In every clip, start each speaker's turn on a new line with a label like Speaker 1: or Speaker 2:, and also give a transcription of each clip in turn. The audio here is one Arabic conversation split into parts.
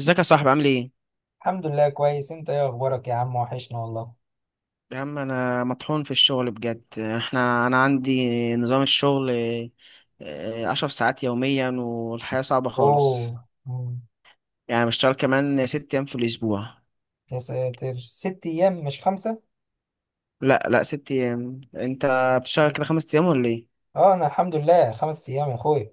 Speaker 1: ازيك يا صاحبي، عامل ايه؟
Speaker 2: الحمد لله كويس. انت ايه اخبارك يا عم؟ وحشنا والله.
Speaker 1: يا عم، انا مطحون في الشغل بجد. انا عندي نظام الشغل، عشر ساعات يوميا، والحياة صعبة خالص.
Speaker 2: اوه،
Speaker 1: يعني بشتغل كمان ست ايام في الاسبوع.
Speaker 2: يا ساتر، ست ايام مش خمسة؟
Speaker 1: لا، لا، ست ايام. انت بتشتغل كده خمس ايام ولا ايه؟
Speaker 2: اه انا الحمد لله خمس ايام يا اخويا.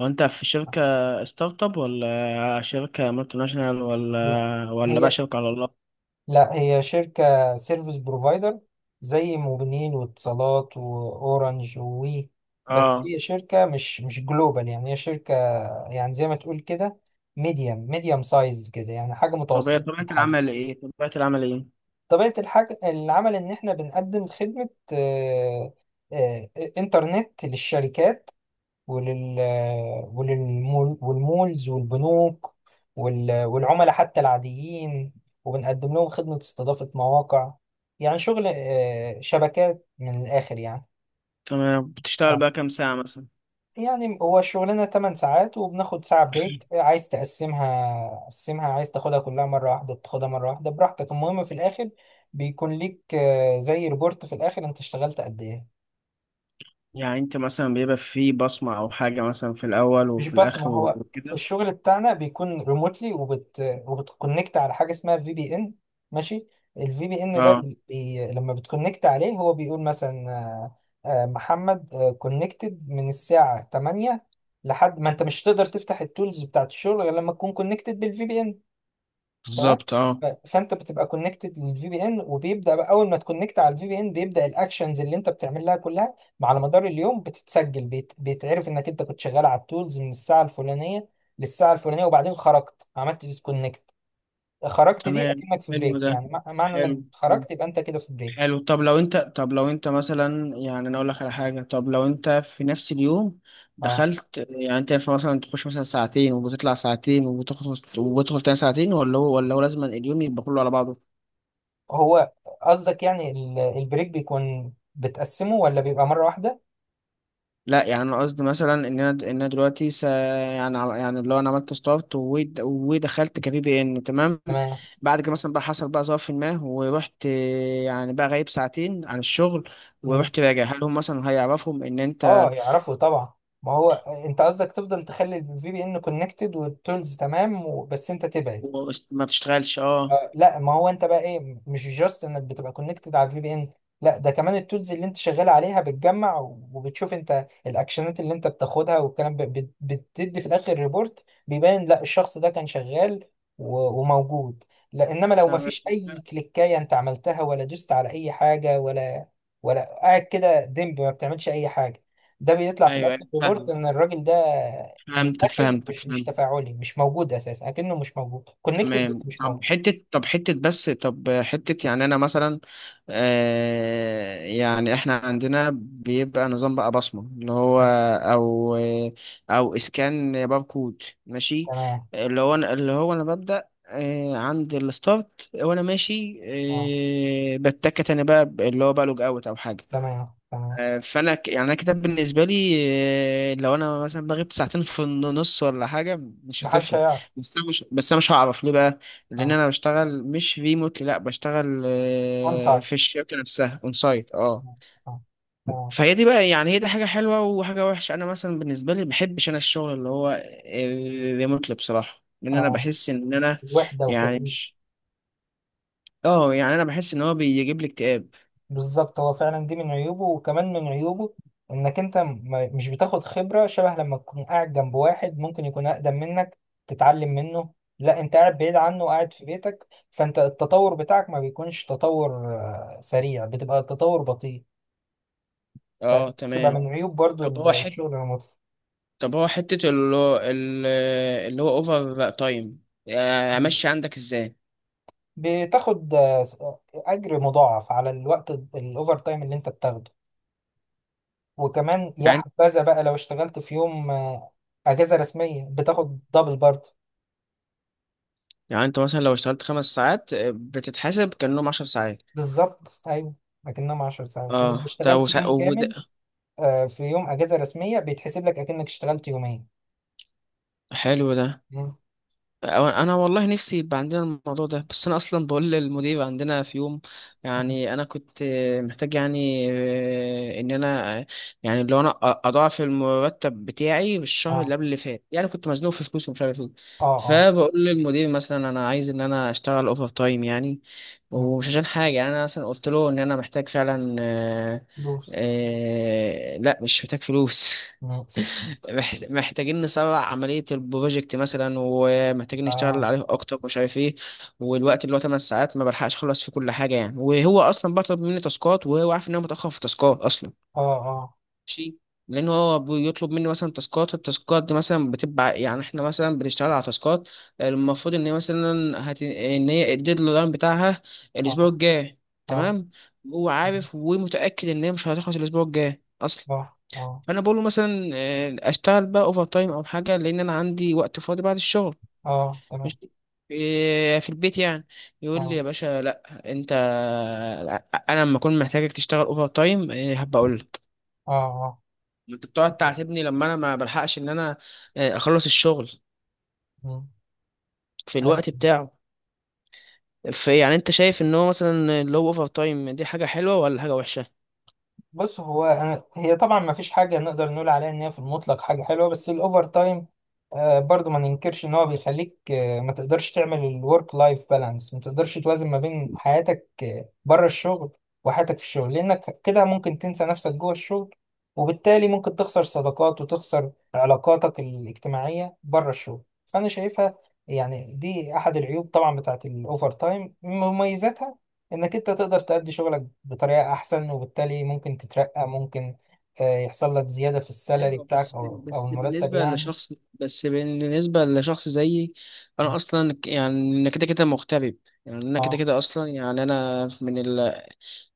Speaker 1: هو انت في شركة ستارت اب ولا شركة مالتي ناشونال
Speaker 2: لا
Speaker 1: ولا بقى
Speaker 2: هي
Speaker 1: شركة على الله؟
Speaker 2: لا، هي شركة سيرفيس بروفايدر، زي موبينيل واتصالات واورنج ووي. بس
Speaker 1: اه.
Speaker 2: هي شركة مش جلوبال، يعني هي شركة، يعني زي ما تقول كده، ميديم سايز كده، يعني حاجة
Speaker 1: طب هي
Speaker 2: متوسطة
Speaker 1: طبيعة
Speaker 2: الحجم.
Speaker 1: العمل ايه؟ طبيعة العمل ايه؟
Speaker 2: طبيعة الحاجة العمل إن إحنا بنقدم خدمة آه، إنترنت للشركات ولل وللمول والمولز والبنوك والعملاء حتى العاديين، وبنقدم لهم خدمة استضافة مواقع، يعني شغل شبكات، من الآخر يعني.
Speaker 1: تمام. بتشتغل بقى كام ساعة مثلا؟
Speaker 2: يعني هو الشغلانة 8 ساعات وبناخد ساعة بريك، عايز تقسمها، عايز تاخدها كلها مرة واحدة بتاخدها مرة واحدة براحتك، المهم في الآخر بيكون ليك زي ريبورت في الآخر أنت اشتغلت قد إيه.
Speaker 1: يعني انت مثلا بيبقى في بصمة او حاجة مثلا في الاول
Speaker 2: مش
Speaker 1: وفي
Speaker 2: بس،
Speaker 1: الاخر
Speaker 2: ما هو
Speaker 1: وكده.
Speaker 2: الشغل بتاعنا بيكون ريموتلي، وبتكونكت على حاجه اسمها في بي ان. ماشي. الفي بي ان ده
Speaker 1: اه،
Speaker 2: لما بتكونكت عليه هو بيقول مثلا محمد كونكتد من الساعه 8، لحد ما، انت مش هتقدر تفتح التولز بتاعت الشغل غير لما تكون كونكتد بالفي بي ان. تمام.
Speaker 1: بالظبط، اه،
Speaker 2: فانت بتبقى كونكتد للفي بي ان، وبيبدا بقى اول ما تكونكت على الفي بي ان بيبدا الاكشنز اللي انت بتعملها كلها على مدار اليوم بتتسجل، بيتعرف انك انت كنت شغال على التولز من الساعه الفلانيه للساعه الفلانيه، وبعدين خرجت عملت ديسكونكت، خرجت، دي
Speaker 1: تمام.
Speaker 2: اكنك في
Speaker 1: حلو
Speaker 2: بريك،
Speaker 1: ده،
Speaker 2: يعني معنى انك
Speaker 1: حلو حلو
Speaker 2: خرجت يبقى انت كده في بريك.
Speaker 1: حلو. طب لو انت مثلا، يعني انا اقول لك على حاجة. طب لو انت في نفس اليوم
Speaker 2: اه،
Speaker 1: دخلت، يعني انت ينفع مثلا تخش مثلا ساعتين وبتطلع ساعتين وبتخلص وبتدخل تاني ساعتين، ولا هو لازم اليوم يبقى كله على بعضه؟
Speaker 2: هو قصدك يعني البريك بيكون بتقسمه ولا بيبقى مره واحده؟
Speaker 1: لا، يعني انا قصدي مثلا ان انا دلوقتي يعني اللي هو انا عملت ستارت ودخلت كبي بي ان. تمام. بعد كده مثلا بقى، حصل بقى ظرف ما ورحت، يعني بقى غايب ساعتين عن الشغل،
Speaker 2: تمام.
Speaker 1: ورحت راجع. هل هم مثلا هيعرفهم ان
Speaker 2: اه،
Speaker 1: انت
Speaker 2: يعرفوا طبعا، ما هو، انت قصدك تفضل تخلي الفي بي ان كونكتد والتولز تمام، بس انت تبعد.
Speaker 1: ما بتشتغلش؟ اه.
Speaker 2: لا، ما هو انت بقى ايه، مش جاست انك بتبقى كونكتد على الفي بي ان، لا ده كمان التولز اللي انت شغال عليها بتجمع، وبتشوف انت الاكشنات اللي انت بتاخدها والكلام، بتدي في الاخر ريبورت بيبان، لا الشخص ده كان شغال وموجود، لا انما لو ما
Speaker 1: تمام.
Speaker 2: فيش اي كليكايه انت عملتها ولا دوست على اي حاجه ولا، ولا قاعد كده دمب ما بتعملش اي حاجه، ده بيطلع في
Speaker 1: ايوه،
Speaker 2: الاخر
Speaker 1: ايوه،
Speaker 2: ريبورت
Speaker 1: فاهم.
Speaker 2: ان الراجل ده من
Speaker 1: فهمتك،
Speaker 2: الاخر
Speaker 1: فهمتك،
Speaker 2: مش
Speaker 1: فهمتك.
Speaker 2: تفاعلي، مش موجود اساسا، اكنه مش موجود، كونكتد
Speaker 1: تمام.
Speaker 2: بس مش
Speaker 1: طب
Speaker 2: موجود.
Speaker 1: حتة طب حتة بس طب حتة يعني أنا مثلا، يعني إحنا عندنا بيبقى نظام بقى بصمة، اللي هو أو أو إسكان باركود. ماشي.
Speaker 2: تمام.
Speaker 1: اللي هو أنا ببدأ عند الستارت وأنا ماشي.
Speaker 2: اه،
Speaker 1: بتكت أنا بقى، اللي هو بقى لوج أوت أو حاجة.
Speaker 2: تمام تمام.
Speaker 1: فانا يعني انا كده بالنسبه لي، لو انا مثلا بغيب ساعتين في النص ولا حاجه، مش
Speaker 2: محدش
Speaker 1: هتفهم.
Speaker 2: هيعرف.
Speaker 1: بس انا مش هعرف ليه بقى. لان
Speaker 2: اه،
Speaker 1: انا بشتغل مش ريموتلي، لا بشتغل
Speaker 2: اون سايد.
Speaker 1: في الشركه نفسها اون سايت. اه.
Speaker 2: اه. اه.
Speaker 1: فهي دي بقى، يعني هي دي حاجه حلوه وحاجه وحشه. انا مثلا بالنسبه لي بحبش انا الشغل اللي هو ريموتلي بصراحه، لان انا
Speaker 2: آه.
Speaker 1: بحس ان انا
Speaker 2: وحدة
Speaker 1: يعني
Speaker 2: وكئيب.
Speaker 1: مش اه يعني انا بحس ان هو بيجيب لي اكتئاب.
Speaker 2: بالظبط، هو فعلا دي من عيوبه. وكمان من عيوبه انك انت مش بتاخد خبرة، شبه لما تكون قاعد جنب واحد ممكن يكون اقدم منك تتعلم منه، لا انت قاعد بعيد عنه وقاعد في بيتك، فانت التطور بتاعك ما بيكونش تطور سريع، بتبقى التطور بطيء،
Speaker 1: اه،
Speaker 2: فتبقى
Speaker 1: تمام.
Speaker 2: من عيوب برضو
Speaker 1: طب هو حته
Speaker 2: الشغل الريموت.
Speaker 1: طب هو حتة اللي هو اوفر تايم، امشي عندك ازاي؟
Speaker 2: بتاخد اجر مضاعف على الوقت الاوفر تايم اللي انت بتاخده. وكمان يا
Speaker 1: يعني
Speaker 2: حبذا بقى لو اشتغلت في يوم اجازه رسميه بتاخد دبل برضه.
Speaker 1: يعني انت مثلا لو اشتغلت خمس ساعات، بتتحاسب كأنهم عشر ساعات.
Speaker 2: بالظبط ايوه، اكنهم 10 ساعات. ولو
Speaker 1: اه، ده
Speaker 2: اشتغلت يوم كامل
Speaker 1: وده.
Speaker 2: في يوم اجازه رسميه بيتحسب لك اكنك اشتغلت يومين.
Speaker 1: حلو ده.
Speaker 2: مم.
Speaker 1: انا والله نفسي يبقى عندنا الموضوع ده. بس انا اصلا بقول للمدير عندنا في يوم، يعني انا كنت محتاج يعني، ان انا، يعني لو انا اضاعف المرتب بتاعي بالشهر اللي
Speaker 2: اه
Speaker 1: قبل اللي فات، يعني كنت مزنوق في فلوس ومش عارف ايه.
Speaker 2: اه. اه.
Speaker 1: فبقول للمدير مثلا انا عايز ان انا اشتغل اوفر تايم يعني،
Speaker 2: مم.
Speaker 1: ومش عشان حاجه. يعني انا مثلا قلت له ان انا محتاج فعلا،
Speaker 2: فلوس.
Speaker 1: لا، مش محتاج فلوس
Speaker 2: مم.
Speaker 1: محتاجين نسرع عملية البروجكت مثلا، ومحتاجين نشتغل
Speaker 2: اه
Speaker 1: عليه أكتر ومش عارف إيه. والوقت اللي هو 8 ساعات ما بلحقش أخلص فيه كل حاجة يعني. وهو أصلا بطلب مني تاسكات، وهو عارف إن أنا متأخر في تاسكات أصلا.
Speaker 2: اه. اه.
Speaker 1: ماشي. لأن هو بيطلب مني مثلا تاسكات، التاسكات دي مثلا بتبقى، يعني إحنا مثلا بنشتغل على تاسكات المفروض إن هي مثلا إن هي الديدلاين بتاعها الأسبوع
Speaker 2: اه.
Speaker 1: الجاي.
Speaker 2: اه.
Speaker 1: تمام. هو
Speaker 2: مم.
Speaker 1: عارف ومتأكد إن هي مش هتخلص الأسبوع الجاي أصلا.
Speaker 2: اه اه.
Speaker 1: فانا بقول له مثلا، اشتغل بقى اوفر تايم او حاجه، لان انا عندي وقت فاضي بعد الشغل،
Speaker 2: اه. تمام.
Speaker 1: مش في البيت يعني. يقول لي:
Speaker 2: اه
Speaker 1: يا باشا لا، انت، انا لما اكون محتاجك تشتغل اوفر تايم هبقى اقول لك.
Speaker 2: اه. اه.
Speaker 1: ما انت بتقعد تعاتبني لما انا ما بلحقش ان انا، اخلص الشغل
Speaker 2: مم.
Speaker 1: في الوقت بتاعه. في، يعني انت شايف ان هو مثلا اللي هو اوفر تايم دي حاجه حلوه ولا حاجه وحشه؟
Speaker 2: بص، هو أنا، هي طبعا ما فيش حاجة نقدر نقول عليها إن هي في المطلق حاجة حلوة، بس الأوفر تايم آه برضو ما ننكرش إن هو بيخليك آه ما تقدرش تعمل الورك لايف بالانس، ما تقدرش توازن ما بين حياتك آه بره الشغل وحياتك في الشغل، لأنك كده ممكن تنسى نفسك جوه الشغل، وبالتالي ممكن تخسر صداقات وتخسر علاقاتك الاجتماعية بره الشغل. فأنا شايفها يعني دي أحد العيوب طبعا بتاعت الأوفر تايم. مميزاتها انك انت تقدر تأدي شغلك بطريقة احسن، وبالتالي ممكن تترقى، ممكن يحصل لك زيادة في السالري
Speaker 1: ايوه،
Speaker 2: بتاعك او او المرتب يعني.
Speaker 1: بس بالنسبه لشخص زيي. انا اصلا، يعني انا كده كده مغترب. يعني انا كده
Speaker 2: اه
Speaker 1: كده اصلا، يعني انا من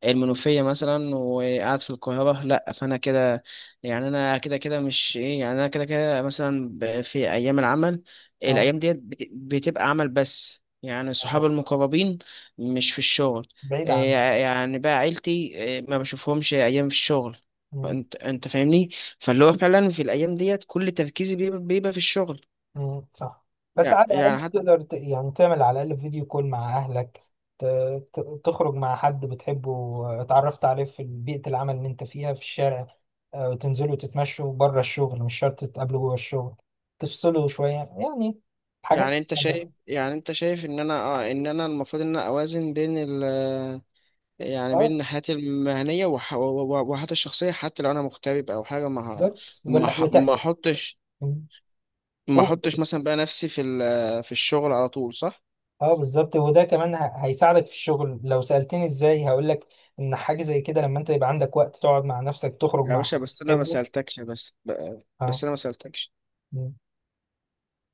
Speaker 1: المنوفية مثلا وقاعد في القاهرة. لأ، فأنا كده. يعني أنا كده كده مش إيه يعني أنا كده كده مثلا في أيام العمل،
Speaker 2: اه.
Speaker 1: الأيام ديت بتبقى عمل بس، يعني صحابي المقربين مش في الشغل.
Speaker 2: بعيد
Speaker 1: إيه
Speaker 2: عن.
Speaker 1: يعني بقى، عيلتي، ما بشوفهمش أيام في الشغل.
Speaker 2: مم،
Speaker 1: أنت فاهمني. فاللي هو فعلا في الأيام ديت كل تركيزي بيبقى في الشغل.
Speaker 2: مم، صح. بس
Speaker 1: يع-
Speaker 2: على الاقل
Speaker 1: يعني حتى،
Speaker 2: تقدر يعني تعمل على الاقل فيديو كول مع اهلك، ت- تخرج مع حد بتحبه اتعرفت عليه في بيئة العمل اللي انت فيها، في الشارع وتنزلوا تتمشوا بره الشغل، مش شرط تقابله جوه الشغل، تفصلوا شوية، يعني حاجات.
Speaker 1: يعني انت شايف ان انا المفروض ان انا اوازن بين، يعني
Speaker 2: اه
Speaker 1: بين حياتي المهنية وحياتي الشخصية. حتى لو أنا مغترب أو حاجة،
Speaker 2: بالظبط.
Speaker 1: ما
Speaker 2: ولا
Speaker 1: ح- ما أحطش ما أحطش
Speaker 2: قول.
Speaker 1: مثلا بقى نفسي في الشغل على طول، صح؟
Speaker 2: اه بالظبط، وده كمان هيساعدك في الشغل. لو سألتني ازاي هقول لك ان حاجة زي كده لما انت يبقى عندك وقت تقعد مع نفسك، تخرج
Speaker 1: يا
Speaker 2: مع
Speaker 1: باشا،
Speaker 2: حد
Speaker 1: بس أنا ما
Speaker 2: بتحبه.
Speaker 1: سألتكش. بس
Speaker 2: اه.
Speaker 1: أنا ما سألتكش،
Speaker 2: م.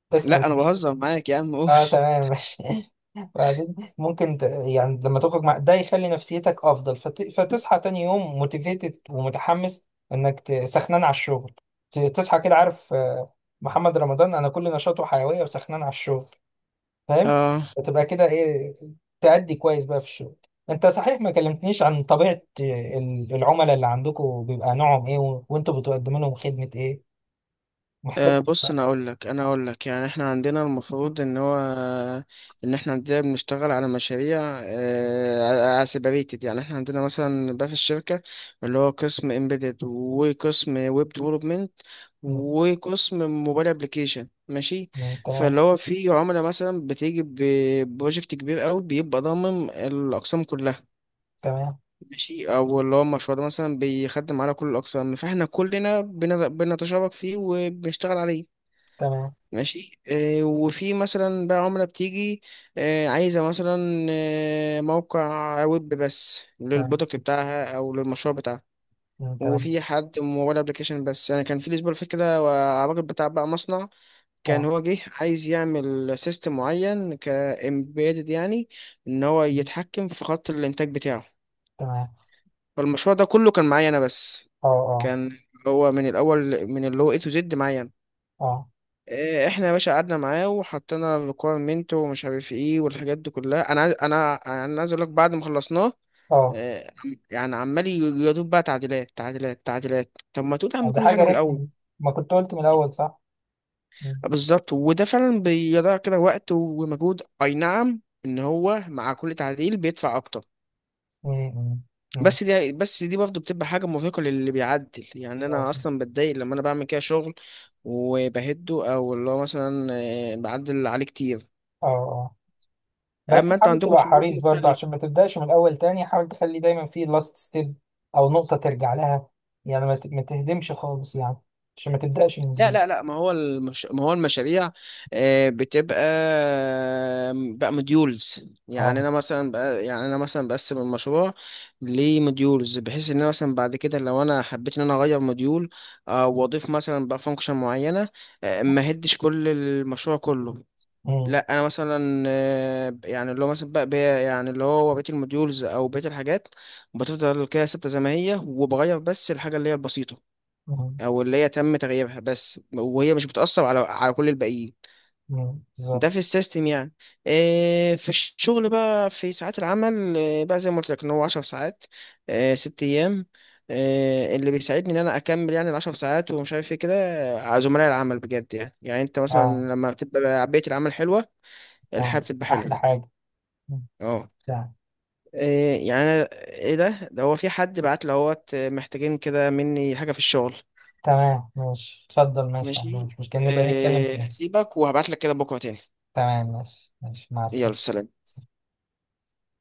Speaker 2: تسأل.
Speaker 1: لا أنا بهزر معاك. يا عم، قول.
Speaker 2: اه تمام ماشي. بعدين ممكن يعني لما تخرج مع ده يخلي نفسيتك افضل، فتصحى تاني يوم موتيفيتد ومتحمس، انك سخنان على الشغل، تصحى كده عارف، محمد رمضان، انا كل نشاطه حيوية وسخنان على الشغل، فاهم.
Speaker 1: اه،
Speaker 2: فتبقى كده ايه، تأدي كويس بقى في الشغل. انت صحيح ما كلمتنيش عن طبيعة العملاء اللي عندكم، بيبقى نوعهم ايه وانتوا بتقدموا لهم خدمة ايه؟ محتاج.
Speaker 1: أه، بص، انا اقول لك يعني احنا عندنا، المفروض ان احنا عندنا بنشتغل على مشاريع سيبريتد. يعني احنا عندنا مثلا بقى في الشركه، اللي هو قسم امبيدد، وقسم ويب ديفلوبمنت،
Speaker 2: م-
Speaker 1: وقسم موبايل ابلكيشن. ماشي.
Speaker 2: تمام.
Speaker 1: فاللي هو في عملاء مثلا بتيجي ببروجكت كبير قوي بيبقى ضامن الاقسام كلها.
Speaker 2: تمام.
Speaker 1: ماشي. او اللي هو المشروع ده مثلا بيخدم على كل الاقسام، فاحنا كلنا بنتشارك فيه وبنشتغل عليه.
Speaker 2: تمام.
Speaker 1: ماشي. وفي مثلا بقى عملة بتيجي، عايزة مثلا، موقع ويب بس
Speaker 2: تمام.
Speaker 1: للبرودكت بتاعها أو للمشروع بتاعها.
Speaker 2: م- تمام.
Speaker 1: وفي حد موبايل ابلكيشن بس. يعني كان في الأسبوع اللي فات كده، الراجل بتاع بقى مصنع، كان
Speaker 2: اه.
Speaker 1: هو جه عايز يعمل سيستم معين كإمبيدد، يعني إن هو
Speaker 2: م-
Speaker 1: يتحكم في خط الإنتاج بتاعه.
Speaker 2: تمام.
Speaker 1: فالمشروع ده كله كان معايا أنا بس.
Speaker 2: اه اه.
Speaker 1: كان هو من الأول، من اللي هو A to Z معايا أنا.
Speaker 2: اه.
Speaker 1: احنا يا باشا قعدنا معاه وحطينا ريكويرمنت ومش عارف ايه والحاجات دي كلها. انا عايز اقول لك، بعد ما خلصناه
Speaker 2: اه.
Speaker 1: آه، عم- يعني عمال ي- يدوب بقى تعديلات تعديلات تعديلات. طب ما تقول يا عم
Speaker 2: دي
Speaker 1: كل
Speaker 2: حاجة
Speaker 1: حاجه من الاول.
Speaker 2: رخمة، ما كنت قلت من الأول صح. م-
Speaker 1: بالظبط، وده فعلا بيضيع كده وقت ومجهود. اي نعم، ان هو مع كل تعديل بيدفع اكتر.
Speaker 2: م- م- م.
Speaker 1: بس دي برضه بتبقى حاجه مرهقه للي بيعدل، يعني انا
Speaker 2: ماشي.
Speaker 1: اصلا بتضايق لما انا بعمل كده شغل وبهده، او اللي هو مثلا بعدل عليه كتير.
Speaker 2: اه اه، بس
Speaker 1: اما انتوا
Speaker 2: حاول
Speaker 1: عندكم
Speaker 2: تبقى
Speaker 1: شغل
Speaker 2: حريص برضه
Speaker 1: مختلف.
Speaker 2: عشان ما تبداش من الاول تاني، حاول تخلي دايما في لاست ستيب او نقطه ترجع لها، يعني ما تهدمش خالص يعني، عشان ما تبداش من
Speaker 1: لا،
Speaker 2: جديد.
Speaker 1: لا، لا. ما هو المشاريع، بتبقى بقى موديولز. يعني
Speaker 2: اه.
Speaker 1: انا مثلا بقى يعني انا مثلا بقسم المشروع لموديولز، بحيث ان انا مثلا بعد كده لو انا حبيت ان انا اغير موديول، واضيف مثلا بقى فانكشن معينه، ما هدش كل المشروع كله.
Speaker 2: امم.
Speaker 1: لا، انا مثلا يعني اللي هو مثلا يعني اللي هو بقيه الموديولز او بقيه الحاجات بتفضل كده ثابته زي ما هي، وبغير بس الحاجه اللي هي البسيطه،
Speaker 2: امم.
Speaker 1: او اللي هي تم تغييرها بس، وهي مش بتأثر على كل الباقيين.
Speaker 2: أمم، بالظبط.
Speaker 1: ده في السيستم يعني. في الشغل بقى، في ساعات العمل، بقى زي ما قلت لك ان هو 10 ساعات، ست ايام. اللي بيساعدني ان انا اكمل يعني العشر ساعات ومش عارف ايه كده، زملاء العمل بجد. يعني انت مثلا
Speaker 2: اه
Speaker 1: لما بتبقى بيئة العمل حلوة، الحياة
Speaker 2: اه.
Speaker 1: بتبقى
Speaker 2: احلى
Speaker 1: حلوة.
Speaker 2: حاجه. أمم.
Speaker 1: اه.
Speaker 2: تمام.
Speaker 1: ايه ده هو في حد بعت لهوت محتاجين كده مني حاجة في الشغل.
Speaker 2: تمام، ماشي، اتفضل، ماشي
Speaker 1: ماشي.
Speaker 2: ماشي، مش كان نبقى نتكلم تاني.
Speaker 1: هسيبك وهبعت لك كده بكرة تاني.
Speaker 2: تمام، ماشي ماشي، مع
Speaker 1: يلا،
Speaker 2: السلامه.
Speaker 1: سلام.